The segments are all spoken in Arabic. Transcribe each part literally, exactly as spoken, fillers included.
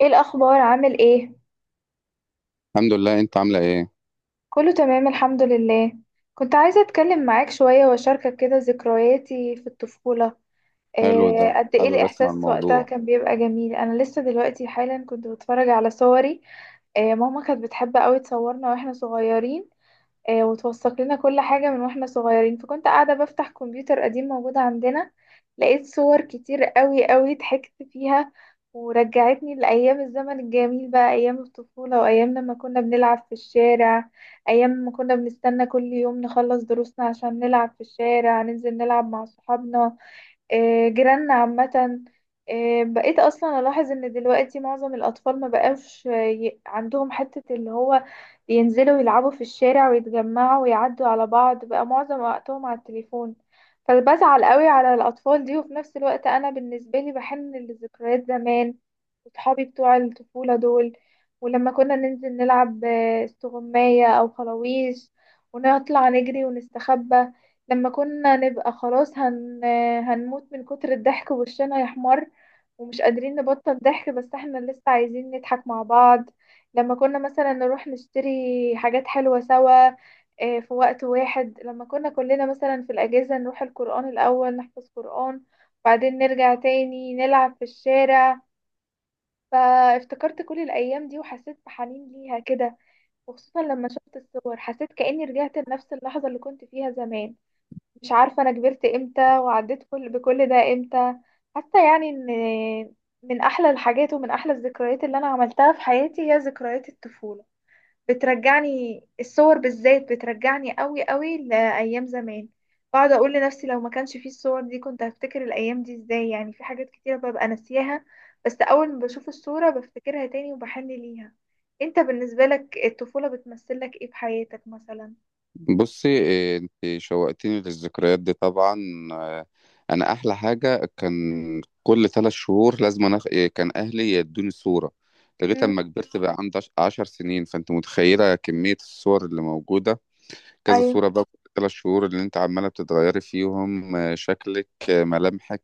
ايه الاخبار؟ عامل ايه؟ الحمد لله، انت عاملة ايه؟ كله تمام الحمد لله. كنت عايزه اتكلم معاك شويه واشاركك كده ذكرياتي في الطفوله. حلو، ده إيه قد ايه حابب اسمع الاحساس وقتها؟ الموضوع. كان بيبقى جميل. انا لسه دلوقتي حالا كنت بتفرج على صوري. إيه، ماما كانت بتحب قوي تصورنا واحنا صغيرين. آه، وتوثق لنا كل حاجة من واحنا صغيرين. فكنت قاعدة بفتح كمبيوتر قديم موجود عندنا، لقيت صور كتير قوي قوي ضحكت فيها ورجعتني لأيام الزمن الجميل، بقى أيام الطفولة وأيام لما كنا بنلعب في الشارع. أيام ما كنا بنستنى كل يوم نخلص دروسنا عشان نلعب في الشارع، ننزل نلعب مع صحابنا، آه، جيراننا عامة. آه، بقيت أصلا ألاحظ إن دلوقتي معظم الأطفال ما بقاش آه، ي- عندهم حتة اللي هو ينزلوا يلعبوا في الشارع ويتجمعوا ويعدوا على بعض. بقى معظم وقتهم على التليفون، فبزعل قوي على الأطفال دي. وفي نفس الوقت أنا بالنسبة لي بحن لذكريات زمان وصحابي بتوع الطفولة دول. ولما كنا ننزل نلعب آه، استغماية أو خلاويش ونطلع نجري ونستخبى، لما كنا نبقى خلاص هن... هنموت من كتر الضحك وشنا يحمر ومش قادرين نبطل ضحك، بس احنا لسه عايزين نضحك مع بعض. لما كنا مثلا نروح نشتري حاجات حلوة سوا، آه، في وقت واحد لما كنا كلنا مثلا في الأجازة نروح القرآن الأول نحفظ قرآن، بعدين نرجع تاني نلعب في الشارع. فافتكرت كل الأيام دي وحسيت بحنين ليها كده، وخصوصا لما شفت الصور حسيت كأني رجعت لنفس اللحظة اللي كنت فيها زمان. مش عارفة أنا كبرت إمتى وعديت كل بكل ده إمتى. حتى يعني إن من أحلى الحاجات ومن أحلى الذكريات اللي أنا عملتها في حياتي هي ذكريات الطفولة. بترجعني الصور بالذات، بترجعني قوي قوي لأيام زمان. بقعد أقول لنفسي لو ما كانش فيه الصور دي كنت هفتكر الأيام دي إزاي؟ يعني في حاجات كتيرة ببقى ناسياها، بس أول ما بشوف الصورة بفتكرها تاني وبحن ليها. أنت بالنسبة لك الطفولة بتمثلك إيه في حياتك مثلا؟ بصي إيه، انت شوقتيني للذكريات دي طبعا. آه، انا احلى حاجة كان كل ثلاث شهور لازم أنا إيه، كان اهلي يدوني صورة لغاية مم. اما كبرت بقى عندي عش- عشر سنين. فانت متخيلة كمية الصور اللي موجودة. كذا أيوه. صورة بقى كل ثلاث شهور اللي انت عمالة بتتغيري فيهم آه، شكلك، آه، ملامحك.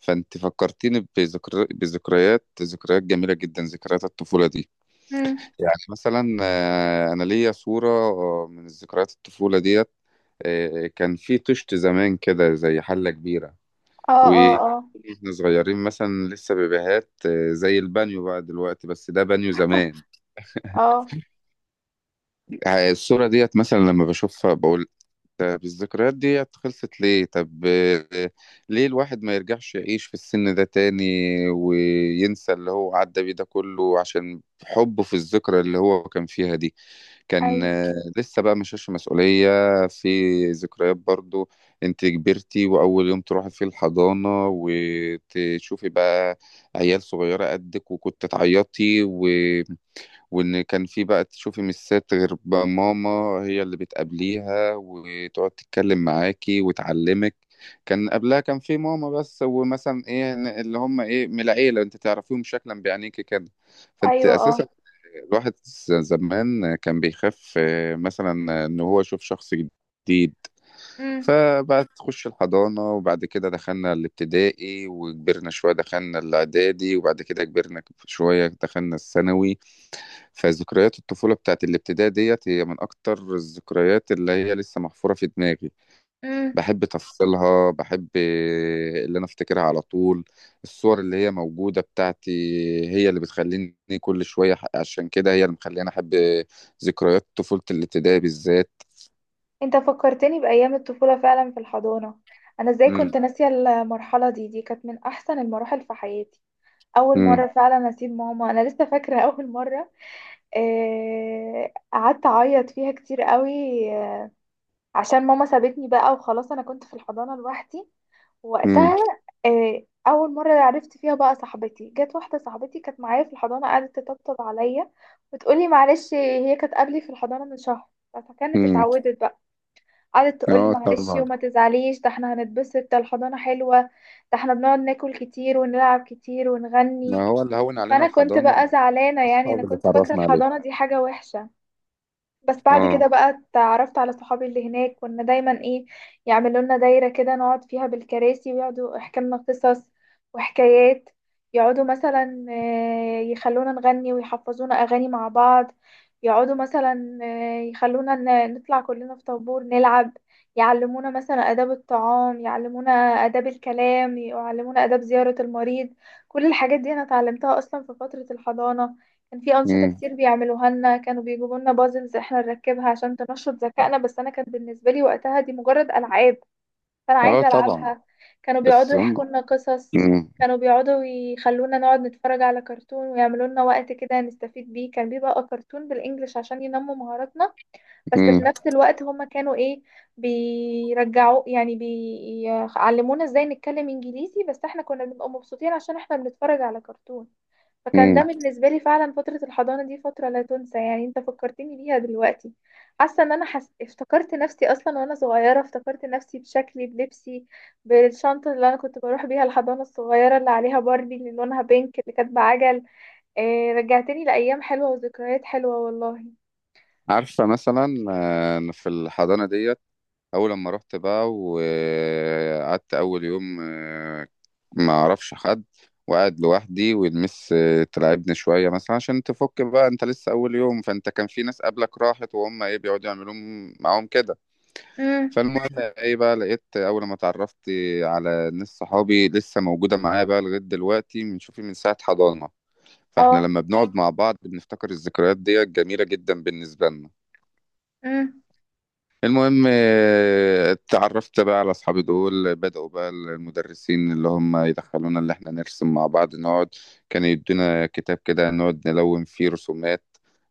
فانت فكرتيني بذكر... بذكريات، ذكريات جميلة جدا، ذكريات الطفولة دي. مم. يعني مثلا آه، انا ليا صوره آه، من ذكريات الطفوله ديت. آه، كان في طشت زمان كده زي حله كبيره. اه اه اه. واحنا صغيرين مثلا لسه بيبيهات، آه، زي البانيو بقى دلوقتي، بس ده بانيو زمان. اه. آه، الصوره ديت مثلا لما بشوفها بقول طب الذكريات ديت خلصت ليه؟ طب آه، ليه الواحد ما يرجعش يعيش في السن ده تاني وينسى اللي هو عدى بيه ده كله عشان حبه في الذكرى اللي هو كان فيها دي. كان ايوه آه، لسه بقى ما شالش مسؤولية. في ذكريات برضو. انت كبرتي واول يوم تروحي فيه الحضانة وتشوفي بقى عيال صغيرة قدك وكنت تعيطي و... وان كان في بقى تشوفي ميسات غير بقى ماما، هي اللي بتقابليها وتقعد تتكلم معاكي وتعلمك. كان قبلها كان في ماما بس، ومثلا ايه اللي هم ايه من العيله انت تعرفيهم شكلا بعينيكي كده. فانت ايوه اه. اساسا الواحد ز- زمان كان بيخاف آه، مثلا ان هو يشوف شخص جديد. امم. فبقى تخش الحضانة، وبعد كده دخلنا الابتدائي وكبرنا شوية، دخلنا الاعدادي، وبعد كده كبرنا شوية دخلنا الثانوي. فذكريات الطفولة بتاعت الابتدائي ديت هي من أكتر الذكريات اللي هي لسه محفورة في دماغي. امم. بحب تفاصيلها، بحب اللي أنا أفتكرها على طول. الصور اللي هي موجودة بتاعتي هي اللي بتخليني كل شوية، عشان كده هي اللي مخليني أحب ذكريات طفولة الابتدائي بالذات. انت فكرتني بايام الطفوله فعلا في الحضانه. انا ازاي مم. كنت ناسيه المرحله دي؟ دي كانت من احسن المراحل في حياتي. اول مره مم. فعلا اسيب ماما، انا لسه فاكره اول مره. آه، قعدت اعيط فيها كتير قوي، آه، عشان ماما سابتني بقى وخلاص. انا كنت في الحضانه لوحدي مم. وقتها. آه، اول مره عرفت فيها بقى صاحبتي، جت واحده صاحبتي كانت معايا في الحضانه قعدت تطبطب عليا وتقولي معلش. هي كانت قبلي في الحضانه من شهر فكانت مم. اتعودت بقى. قعدت تقولي آه معلش طبعا. وما تزعليش، ده احنا هنتبسط، ده الحضانه حلوه، ده احنا بنقعد ناكل كتير ونلعب كتير ونغني. ما هو اللي هون علينا فانا كنت الحضانة بقى زعلانه، يعني انا الأصحاب اللي كنت فاكره اتعرفنا عليهم. الحضانه دي حاجه وحشه. بس بعد كده آه. بقى اتعرفت على صحابي اللي هناك. كنا دايما ايه، يعملوا لنا دايرة كده نقعد فيها بالكراسي ويقعدوا يحكوا لنا قصص وحكايات. يقعدوا مثلا آه، يخلونا نغني ويحفظونا أغاني مع بعض. يقعدوا مثلا آه، يخلونا ن- نطلع كلنا في طابور نلعب. يعلمونا مثلا آداب الطعام، يعلمونا آداب الكلام، يعلمونا آداب زيارة المريض. كل الحاجات دي أنا اتعلمتها أصلا في فترة الحضانة. كان في أنشطة مم. كتير بيعملوها لنا، كانوا بيجيبوا لنا بازلز احنا نركبها عشان تنشط ذكائنا. بس أنا كان بالنسبة لي وقتها دي مجرد ألعاب، فأنا آه عايزة طبعا. ألعبها. كانوا بس بيقعدوا هم. يحكوا لنا قصص، مم. كانوا بيقعدوا يخلونا نقعد نتفرج على كرتون ويعملوا لنا وقت كده نستفيد بيه. كان بيبقى كرتون بالإنجلش عشان ينموا مهاراتنا. بس في مم. نفس الوقت هما كانوا إيه، بيرجعوا يعني بيعلمونا إزاي نتكلم إنجليزي. بس احنا كنا بنبقى مبسوطين عشان احنا بنتفرج على كرتون. فكان ده مم. بالنسبة لي فعلا فترة الحضانة دي فترة لا تنسى. يعني انت فكرتني بيها دلوقتي، حاسة ان انا حس... افتكرت نفسي اصلا وانا صغيرة، افتكرت نفسي بشكلي بلبسي بالشنطة اللي انا كنت بروح بيها الحضانة الصغيرة اللي عليها باربي اللي لونها بينك اللي كانت بعجل. إيه، رجعتني لأيام حلوة وذكريات حلوة والله. عارفة مثلا آه، في الحضانة ديت أول لما رحت بقى وقعدت أول يوم، آه، ما أعرفش حد وقاعد لوحدي، والمس آه، تلعبني شوية مثلا عشان تفك بقى، أنت لسه أول يوم، فأنت كان في ناس قبلك راحت وهم إيه بيقعدوا يعملوا معاهم كده. امم. فالمهم إيه بقى لقيت أول ما اتعرفت على ناس صحابي لسه موجودة معايا بقى لغاية دلوقتي بنشوفي من ساعة حضانة. فاحنا اه. لما بنقعد مع بعض بنفتكر الذكريات ديت جميلة جدا بالنسبة لنا. امم. المهم آه، اتعرفت بقى على اصحابي دول، بدأوا بقى المدرسين اللي هم يدخلونا اللي احنا نرسم مع بعض نقعد. كان يدينا كتاب كده نقعد نلون فيه رسومات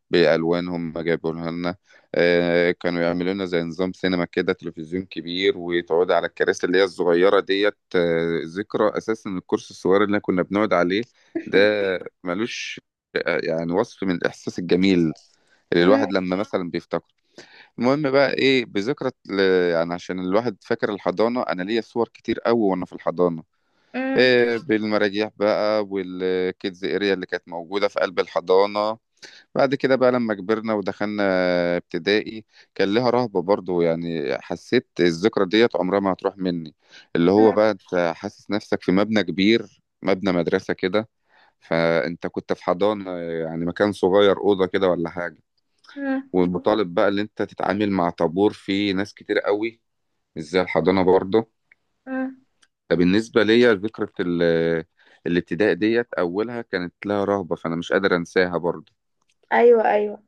بألوانهم ما جابوها لنا. آه، كانوا يعملوا لنا زي نظام سينما كده، تلفزيون كبير وتقعد على الكراسي اللي هي الصغيرة ديت. آه، ذكرى أساسا الكرسي الصغير اللي كنا بنقعد عليه ده ملوش آه، يعني وصف من الإحساس الجميل اللي امم. الواحد لما مثلا بيفتكر. المهم بقى ايه بذكرى ال- يعني عشان الواحد فاكر الحضانه، انا ليا صور كتير قوي وانا في الحضانه. امم. إيه بالمراجيح بقى والكيدز اريا اللي كانت موجوده في قلب الحضانه. بعد كده بقى لما كبرنا ودخلنا ابتدائي كان لها رهبه برضو. يعني حسيت الذكرى ديت عمرها ما هتروح مني. اللي هو بقى انت حاسس نفسك في مبنى كبير، مبنى مدرسه كده. فانت كنت في حضانه يعني مكان صغير، اوضه كده ولا حاجه. امم. ومطالب بقى ان انت تتعامل مع طابور فيه ناس كتير قوي، مش زي الحضانه برضه. امم. فبالنسبه ليا ذكرى ال- الابتداء ديت اولها كانت لها رهبه، فانا مش قادر انساها برضه. ايوه ايوه.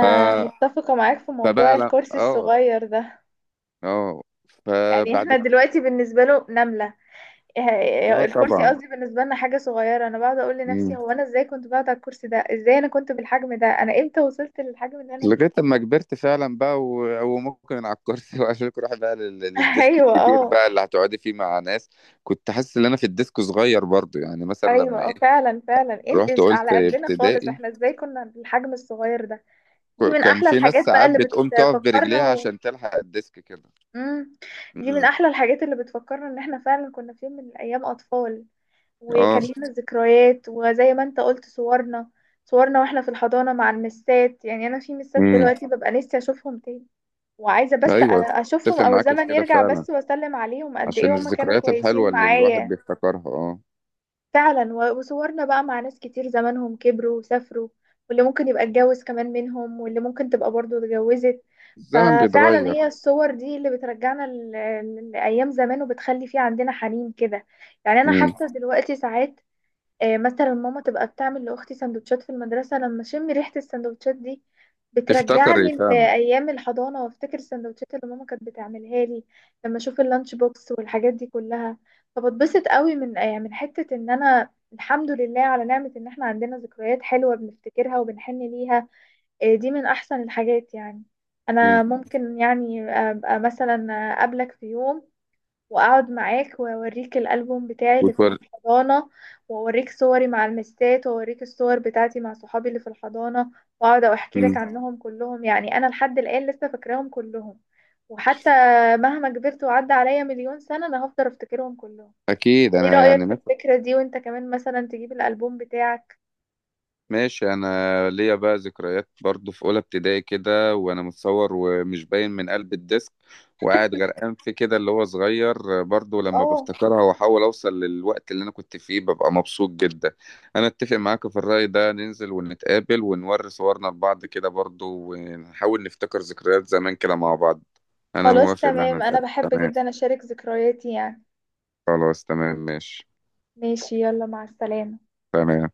ف... متفقة معاك في موضوع فبقى لا الكرسي اه. الصغير ده. اه. يعني فبعد. احنا دلوقتي بالنسبة له نملة. إيه- اه إيه، الكرسي طبعا. قصدي بالنسبة لنا حاجة صغيرة. انا بقعد اقول لنفسي مم. هو انا ازاي كنت بقعد على الكرسي ده؟ ازاي انا كنت بالحجم ده؟ انا امتى وصلت للحجم اللي انا فيه؟ لغايه لما كبرت فعلا بقى و... وممكن على الكرسي واشيلك اروح بقى لل... للديسك ايوه الكبير اه. بقى اللي هتقعدي فيه مع ناس. كنت حاسس ان انا في الديسك صغير برضه، يعني مثلا ايوه لما ايه اه فعلا فعلا. إم- رحت إيش قلت على قدنا خالص؟ ابتدائي. احنا ازاي كنا بالحجم الصغير ده؟ دي ك- من كان احلى في ناس الحاجات بقى ساعات اللي بتقوم تقف بتفكرنا برجليها و... عشان تلحق الديسك كده. مم. دي من مم. احلى الحاجات اللي بتفكرنا ان احنا فعلا كنا في يوم من الايام اطفال اه. وكان لينا ذكريات. وزي ما انت قلت، صورنا، صورنا واحنا في الحضانة مع المسات. يعني انا في مسات امم. دلوقتي ببقى نفسي اشوفهم تاني، وعايزة بس أ- ايوه، اشوفهم اتفق او معاك في الزمن كده يرجع فعلا بس واسلم عليهم. قد عشان ايه هما كانوا الذكريات الحلوه كويسين اللي الواحد معايا! بيفتكرها، اه. فعلا، و- وصورنا بقى مع ناس كتير زمانهم كبروا وسافروا، واللي ممكن يبقى اتجوز كمان منهم، واللي ممكن تبقى برضو اتجوزت. الزمن ففعلا بيتغير. هي الصور دي اللي بترجعنا ل- ل- لأيام زمان وبتخلي في عندنا حنين كده. يعني انا امم. حتى دلوقتي ساعات آه، مثلا ماما تبقى بتعمل لأختي سندوتشات في المدرسة، لما أشم ريحة السندوتشات دي تفتكر ايه بترجعني فعلا؟ لأيام الحضانة وأفتكر السندوتشات اللي ماما كانت بتعملها لي. لما أشوف اللانش بوكس والحاجات دي كلها فبتبسط قوي من آه، من حتة إن أنا الحمد لله على نعمة إن إحنا عندنا ذكريات حلوة بنفتكرها وبنحن ليها. آه، دي من أحسن الحاجات يعني. امم. أنا ممكن يعني أبقى مثلا أقابلك في يوم، واقعد معاك واوريك الالبوم بتاعي اللي في وتور... الحضانه، واوريك صوري مع المسات، واوريك الصور بتاعتي مع صحابي اللي في الحضانه، واقعد احكي امم لك عنهم كلهم. يعني انا لحد الان لسه فاكراهم كلهم، وحتى مهما كبرت وعدى عليا مليون سنه انا هفضل افتكرهم كلهم. اكيد. ايه انا رايك يعني في الفكره دي؟ وانت كمان مثلا تجيب الالبوم بتاعك. ماشي، انا ليا بقى ذكريات برضو في اولى ابتدائي كده وانا متصور ومش باين من قلب الديسك، وقاعد غرقان في كده اللي هو صغير برضو. لما اه، بفتكرها واحاول اوصل للوقت اللي انا كنت فيه ببقى مبسوط جدا. انا اتفق معاك في الرأي ده، ننزل ونتقابل ونوري صورنا لبعض كده برضو ونحاول نفتكر ذكريات زمان كده مع بعض. انا خلاص موافق ان احنا تمام، انا نتقابل. بحب تمام. جدا اشارك ذكرياتي يعني. خلاص تمام، ماشي. ماشي، يلا مع السلامه. تمام.